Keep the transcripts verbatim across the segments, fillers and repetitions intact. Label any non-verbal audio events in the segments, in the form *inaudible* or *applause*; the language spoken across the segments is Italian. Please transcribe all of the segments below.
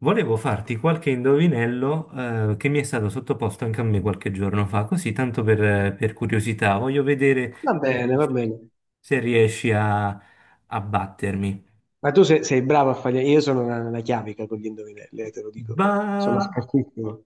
Volevo farti qualche indovinello, eh, che mi è stato sottoposto anche a me qualche giorno fa, così tanto per, per curiosità. Voglio Va vedere se bene, va riesci bene. se riesci a, a battermi. Ma tu se- sei, bravo a fare... Io sono una, una chiavica con gli indovinelli, eh, te lo dico. Sono Va. scartissimo.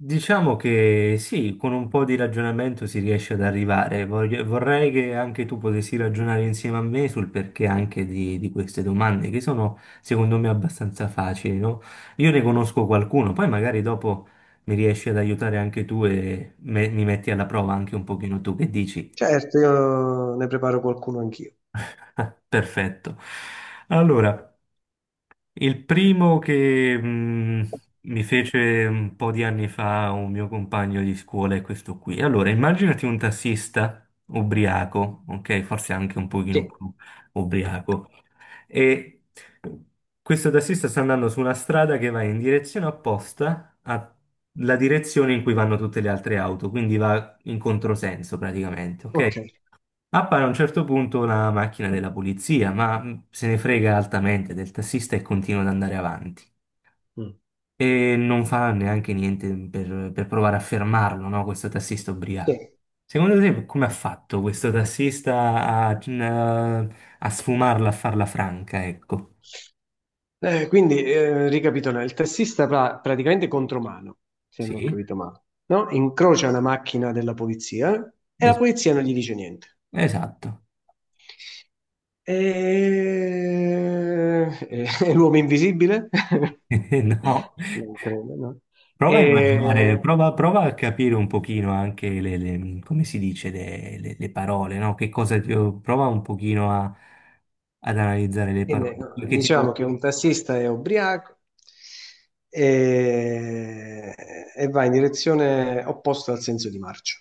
Diciamo che sì, con un po' di ragionamento si riesce ad arrivare. Voglio- vorrei che anche tu potessi ragionare insieme a me sul perché anche di, di queste domande, che sono secondo me abbastanza facili, no? Io ne conosco qualcuno, poi magari dopo mi riesci ad aiutare anche tu e me- mi metti alla prova anche un pochino tu, che dici. Certo, io ne preparo qualcuno anch'io. *laughs* Perfetto. Allora. Il primo che mh, mi fece un po' di anni fa un mio compagno di scuola è questo qui. Allora, immaginati un tassista ubriaco, ok? Forse anche un Sì. pochino più ubriaco. E questo tassista sta andando su una strada che va in direzione opposta alla direzione in cui vanno tutte le altre auto, quindi va in controsenso praticamente, Ok. ok? Appare a un certo punto una macchina della polizia, ma mh, se ne frega altamente del tassista e continua ad andare avanti. Mm. E non fa neanche niente per, per provare a fermarlo, no? Questo tassista ubriaco. Sì. Secondo te, come ha fatto questo tassista a, a- a sfumarla, a farla franca, ecco? Eh, quindi, eh, ricapitolando, il tassista pra- praticamente contromano, se non ho Sì, capito male, no? Incrocia una macchina della polizia e la es- polizia non gli dice niente. esatto. E, e- *laughs* e l'uomo invisibile? *laughs* *laughs* No. Non credo, no? E, Prova a immaginare, prova, prova a capire un pochino anche le, le- come si dice, le, le- le parole, no? Che cosa ti- prova un pochino a- ad analizzare le Quindi parole. ecco, Perché ti do... diciamo che un tassista è ubriaco e, e va in direzione opposta al senso di marcia.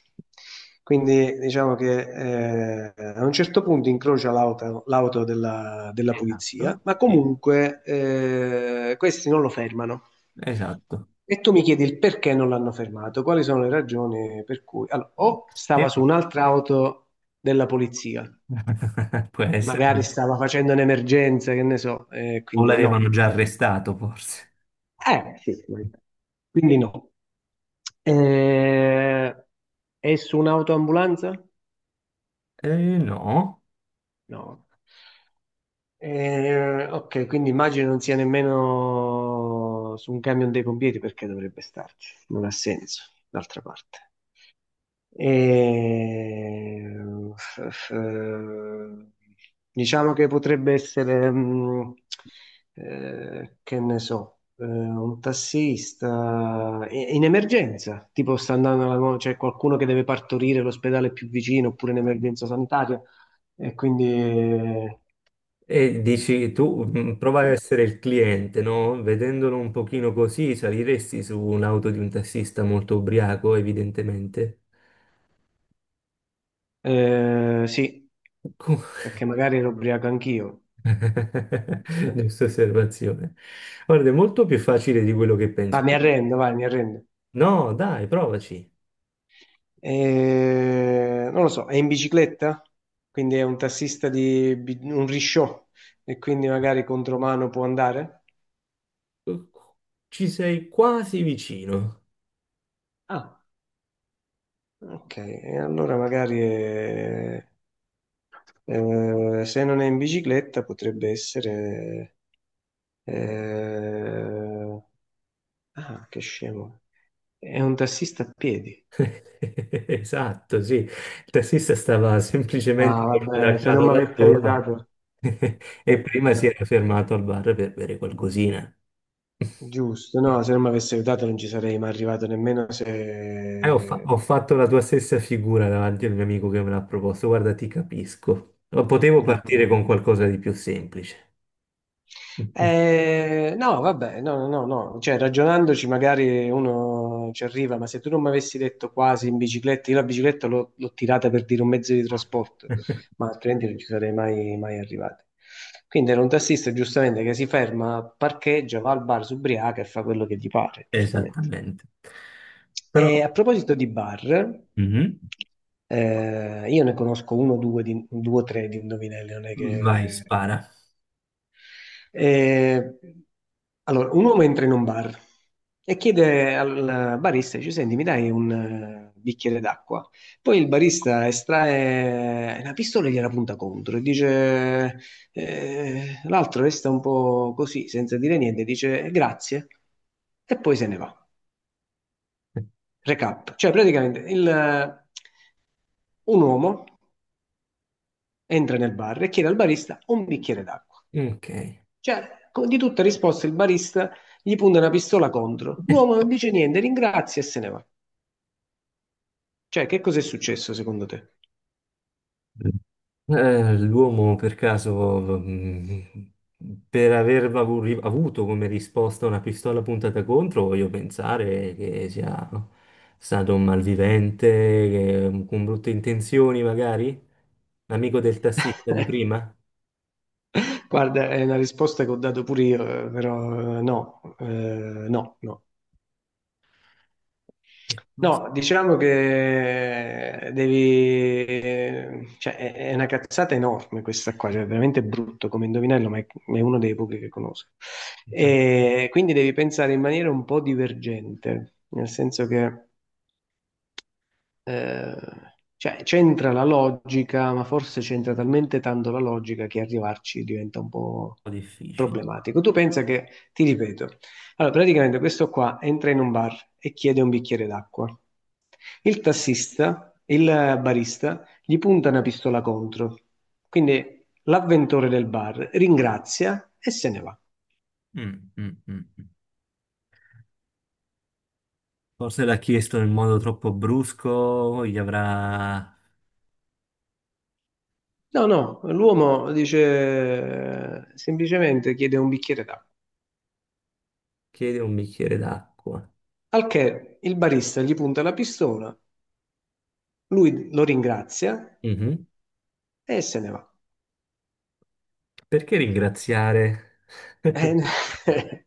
Quindi diciamo che eh, a un certo punto incrocia l'auto l'auto della, della polizia, Esatto, ma sì, comunque eh, questi non lo fermano. esatto. E tu mi chiedi il perché non l'hanno fermato, quali sono le ragioni per cui... Allora, o stava su Sì. un'altra auto della polizia, *laughs* Può essere magari che stava facendo un'emergenza, che ne so, eh, o quindi l'avevano no. già arrestato, forse. Eh, sì, magari. Quindi no. Eh, è su un'autoambulanza? Eh, no. No. Eh, ok, quindi immagino non sia nemmeno su un camion dei pompieri perché dovrebbe starci, non ha senso, d'altra parte. E, f- f- diciamo che potrebbe essere, mh, eh, che ne so, eh, un tassista i- in emergenza, tipo sta andando alla mo- c'è qualcuno che deve partorire l'ospedale più vicino oppure in emergenza sanitaria. E quindi eh, E dici tu, mh, prova a essere il cliente, no? Vedendolo un pochino così, saliresti su un'auto di un tassista molto ubriaco, evidentemente. eh, sì, perché magari ero ubriaco anch'io. *laughs* Ma Giusta osservazione. Guarda, è molto più facile di quello che pensi. mi arrendo, vai, mi arrendo. No, dai, provaci. Eh, non lo so, è in bicicletta, quindi è un tassista di bi- un risciò e quindi magari contromano può andare? Ci sei quasi vicino. Ah, ok, e allora magari è- eh, se non è in bicicletta potrebbe essere... eh, ah, che scemo, è un tassista a piedi. *laughs* Esatto, sì. Il tassista stava No, semplicemente vabbè, se non andando mi dal avesse turno aiutato... *laughs* e prima si era Eh, fermato al bar per bere qualcosina. *laughs* Giusto, no, se non mi avesse aiutato non ci sarei mai arrivato nemmeno Eh, ho, fa- se, Ho fatto la tua stessa figura davanti al mio amico che me l'ha proposto. Guarda, ti capisco. Potevo no. partire con qualcosa di più semplice. Eh, no, vabbè, no, no, no, no. Cioè, ragionandoci magari uno ci arriva, ma se tu non mi avessi detto quasi in bicicletta, io la bicicletta l'ho l'ho tirata per dire un mezzo di trasporto, *laughs* ma altrimenti non ci sarei mai, mai arrivato. Quindi era un tassista, giustamente, che si ferma, parcheggia, va al bar, si ubriaca e fa quello che gli pare, giustamente. Esattamente. E Però. a proposito di bar, Mhm. eh, io ne conosco uno o due, di- due o tre di indovinelli, non è Vai, che... spara. E, allora, un uomo entra in un bar e chiede al barista, dice, senti, mi dai un eh, bicchiere d'acqua? Poi il barista estrae una pistola e gliela punta contro e dice, eh, l'altro resta un po' così, senza dire niente, dice grazie e poi se ne va. Recap, cioè praticamente il- un uomo entra nel bar e chiede al barista un bicchiere d'acqua. Ok. Cioè, co- di tutta risposta il barista gli punta una pistola contro. L'uomo *laughs* non dice niente, ringrazia e se ne va. Cioè, che cos'è successo secondo te? Eh, l'uomo per caso, mh, per aver avu- ri- avuto come risposta una pistola puntata contro, voglio pensare che sia stato un malvivente, che- con brutte intenzioni magari? L'amico del tassista di prima? *laughs* Guarda, è una risposta che ho dato pure io, eh, però eh, no, eh, no, no. Che cosa? No, diciamo che devi... Cioè, è è una cazzata enorme questa qua, cioè, è veramente brutto come indovinello, ma è è uno dei pochi che conosco. Un E quindi devi pensare in maniera un po' divergente, nel senso che... Eh, cioè, c'entra la logica, ma forse c'entra talmente tanto la logica che arrivarci diventa un po' po' difficile. problematico. Tu pensa che, ti ripeto, allora praticamente questo qua entra in un bar e chiede un bicchiere d'acqua. Il tassista, il barista, gli punta una pistola contro. Quindi l'avventore del bar ringrazia e se ne va. Mm, mm, mm. Forse l'ha chiesto in modo troppo brusco, gli avrà No, no, l'uomo dice semplicemente chiede un bicchiere d'acqua. chiedi un bicchiere d'acqua. Al che il barista gli punta la pistola, lui lo ringrazia Mhm. e se ne va. Perché ringraziare? *laughs* Eh, *laughs*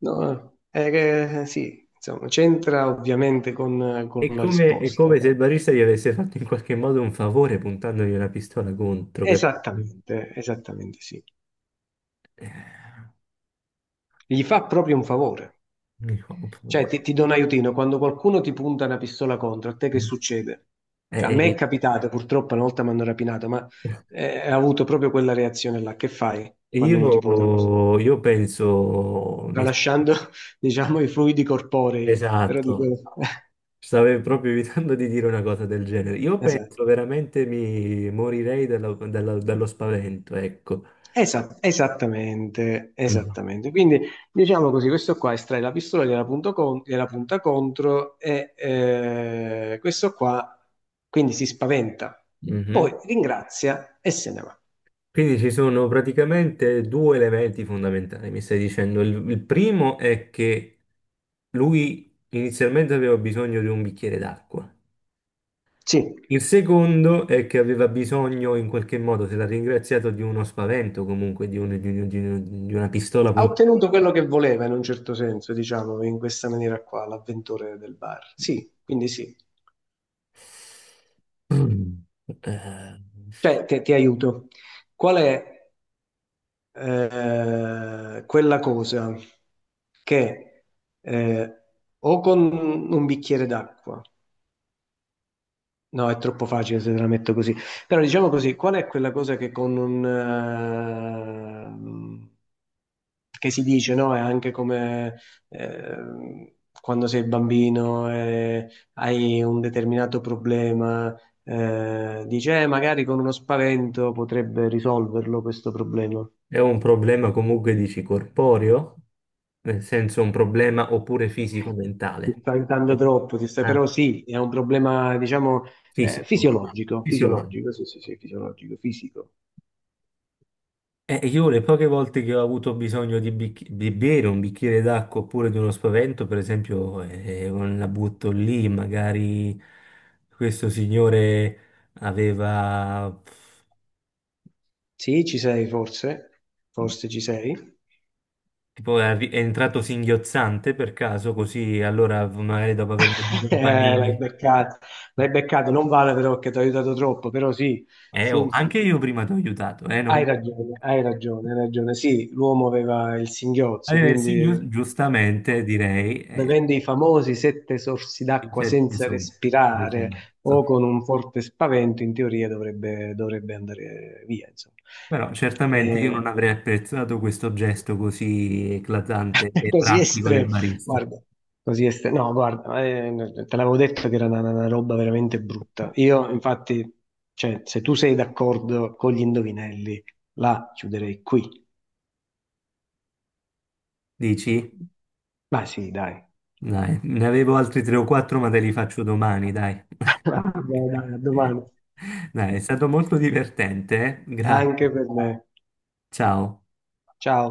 no, eh, che- sì, insomma, c'entra ovviamente con, con È la come, è risposta. come se il barista gli avesse fatto in qualche modo un favore puntandogli una pistola contro. Capito? Esattamente, esattamente sì. Eh, Gli fa proprio un favore. Mi fa un Cioè, favore. ti, ti do un aiutino, quando qualcuno ti punta una pistola contro, a te che succede? Cioè, a me Eh, è capitato, purtroppo, una volta mi hanno rapinato, ma eh, eh, ho avuto proprio quella reazione là. Che fai quando uno ti punta una pistola? io, io penso, mi- Tralasciando *laughs* diciamo i fluidi corporei, però dico, esatto. Stavo proprio evitando di dire una cosa del genere. *laughs* Io esatto. penso veramente mi morirei dalla- dalla- dallo spavento, ecco. Esa- esattamente, Mhm. esattamente. Quindi diciamo così, questo qua estrae la pistola, gliela, punto con- gliela punta contro e eh, questo qua quindi si spaventa, Mhm. poi ringrazia e se ne va. Quindi ci sono praticamente due elementi fondamentali, mi stai dicendo. Il, il primo è che lui inizialmente aveva bisogno di un bicchiere d'acqua. Sì, Il secondo è che aveva bisogno, in qualche modo, se l'ha ringraziato, di uno spavento, comunque di, un- di un- di un- di una pistola ha puntata. ottenuto quello che voleva in un certo senso, diciamo, in questa maniera qua, l'avventore del bar. Sì, quindi sì. *clears throat* Eh, Cioè, ti ti aiuto. Qual è eh, quella cosa che eh, o con un bicchiere d'acqua, no, è troppo facile se te la metto così, però diciamo così, qual è quella cosa che con un... eh, che si dice, no? È anche come eh, quando sei bambino e hai un determinato problema, eh, dici, "Eh, magari con uno spavento potrebbe risolverlo questo problema." è un problema comunque, dici, corporeo, nel senso un problema oppure Ti fisico-mentale. sta aiutando Eh, troppo, ti sta- però ah, sì, è un problema, diciamo, eh, Fisico, fisiologico, fisiologico. fisiologico, sì, sì, sì, fisiologico, fisico. Eh, io le poche volte che ho avuto bisogno di bicch- di bere un bicchiere d'acqua oppure di uno spavento, per esempio, eh, eh, la butto lì, magari questo signore aveva... Sì, ci sei forse, forse ci sei. *laughs* Tipo è arri- è entrato singhiozzante, per caso, così, allora magari dopo aver mangiato un Eh, l'hai panini. beccato, l'hai beccato, non vale però che ti ha aiutato troppo, però sì, Eh, oh, sì, sì, anche sì. io prima ti ho aiutato, eh, Hai non- ragione, hai ragione, hai ragione. Sì, l'uomo aveva il singhiozzo, Allora, il quindi signor, giustamente direi, eh, bevendo i famosi sette sorsi i d'acqua sette senza sono, respirare o esatto. con un forte spavento, in teoria dovrebbe, dovrebbe andare via, insomma. Però certamente io non Eh, avrei apprezzato questo gesto così eclatante *laughs* e così pratico estremo, del barista. guarda, così estremo. No, guarda, eh, te l'avevo detto che era una, una roba veramente brutta. Io, infatti, cioè, se tu sei d'accordo con gli indovinelli, la chiuderei qui. Dici? Ma sì, dai. Dai, ne avevo altri tre o quattro, ma te li faccio domani, dai. *laughs* Vabbè, dai, a domani. *laughs* Dai, è stato molto divertente, eh? Anche Grazie. per me. Ciao. Ciao.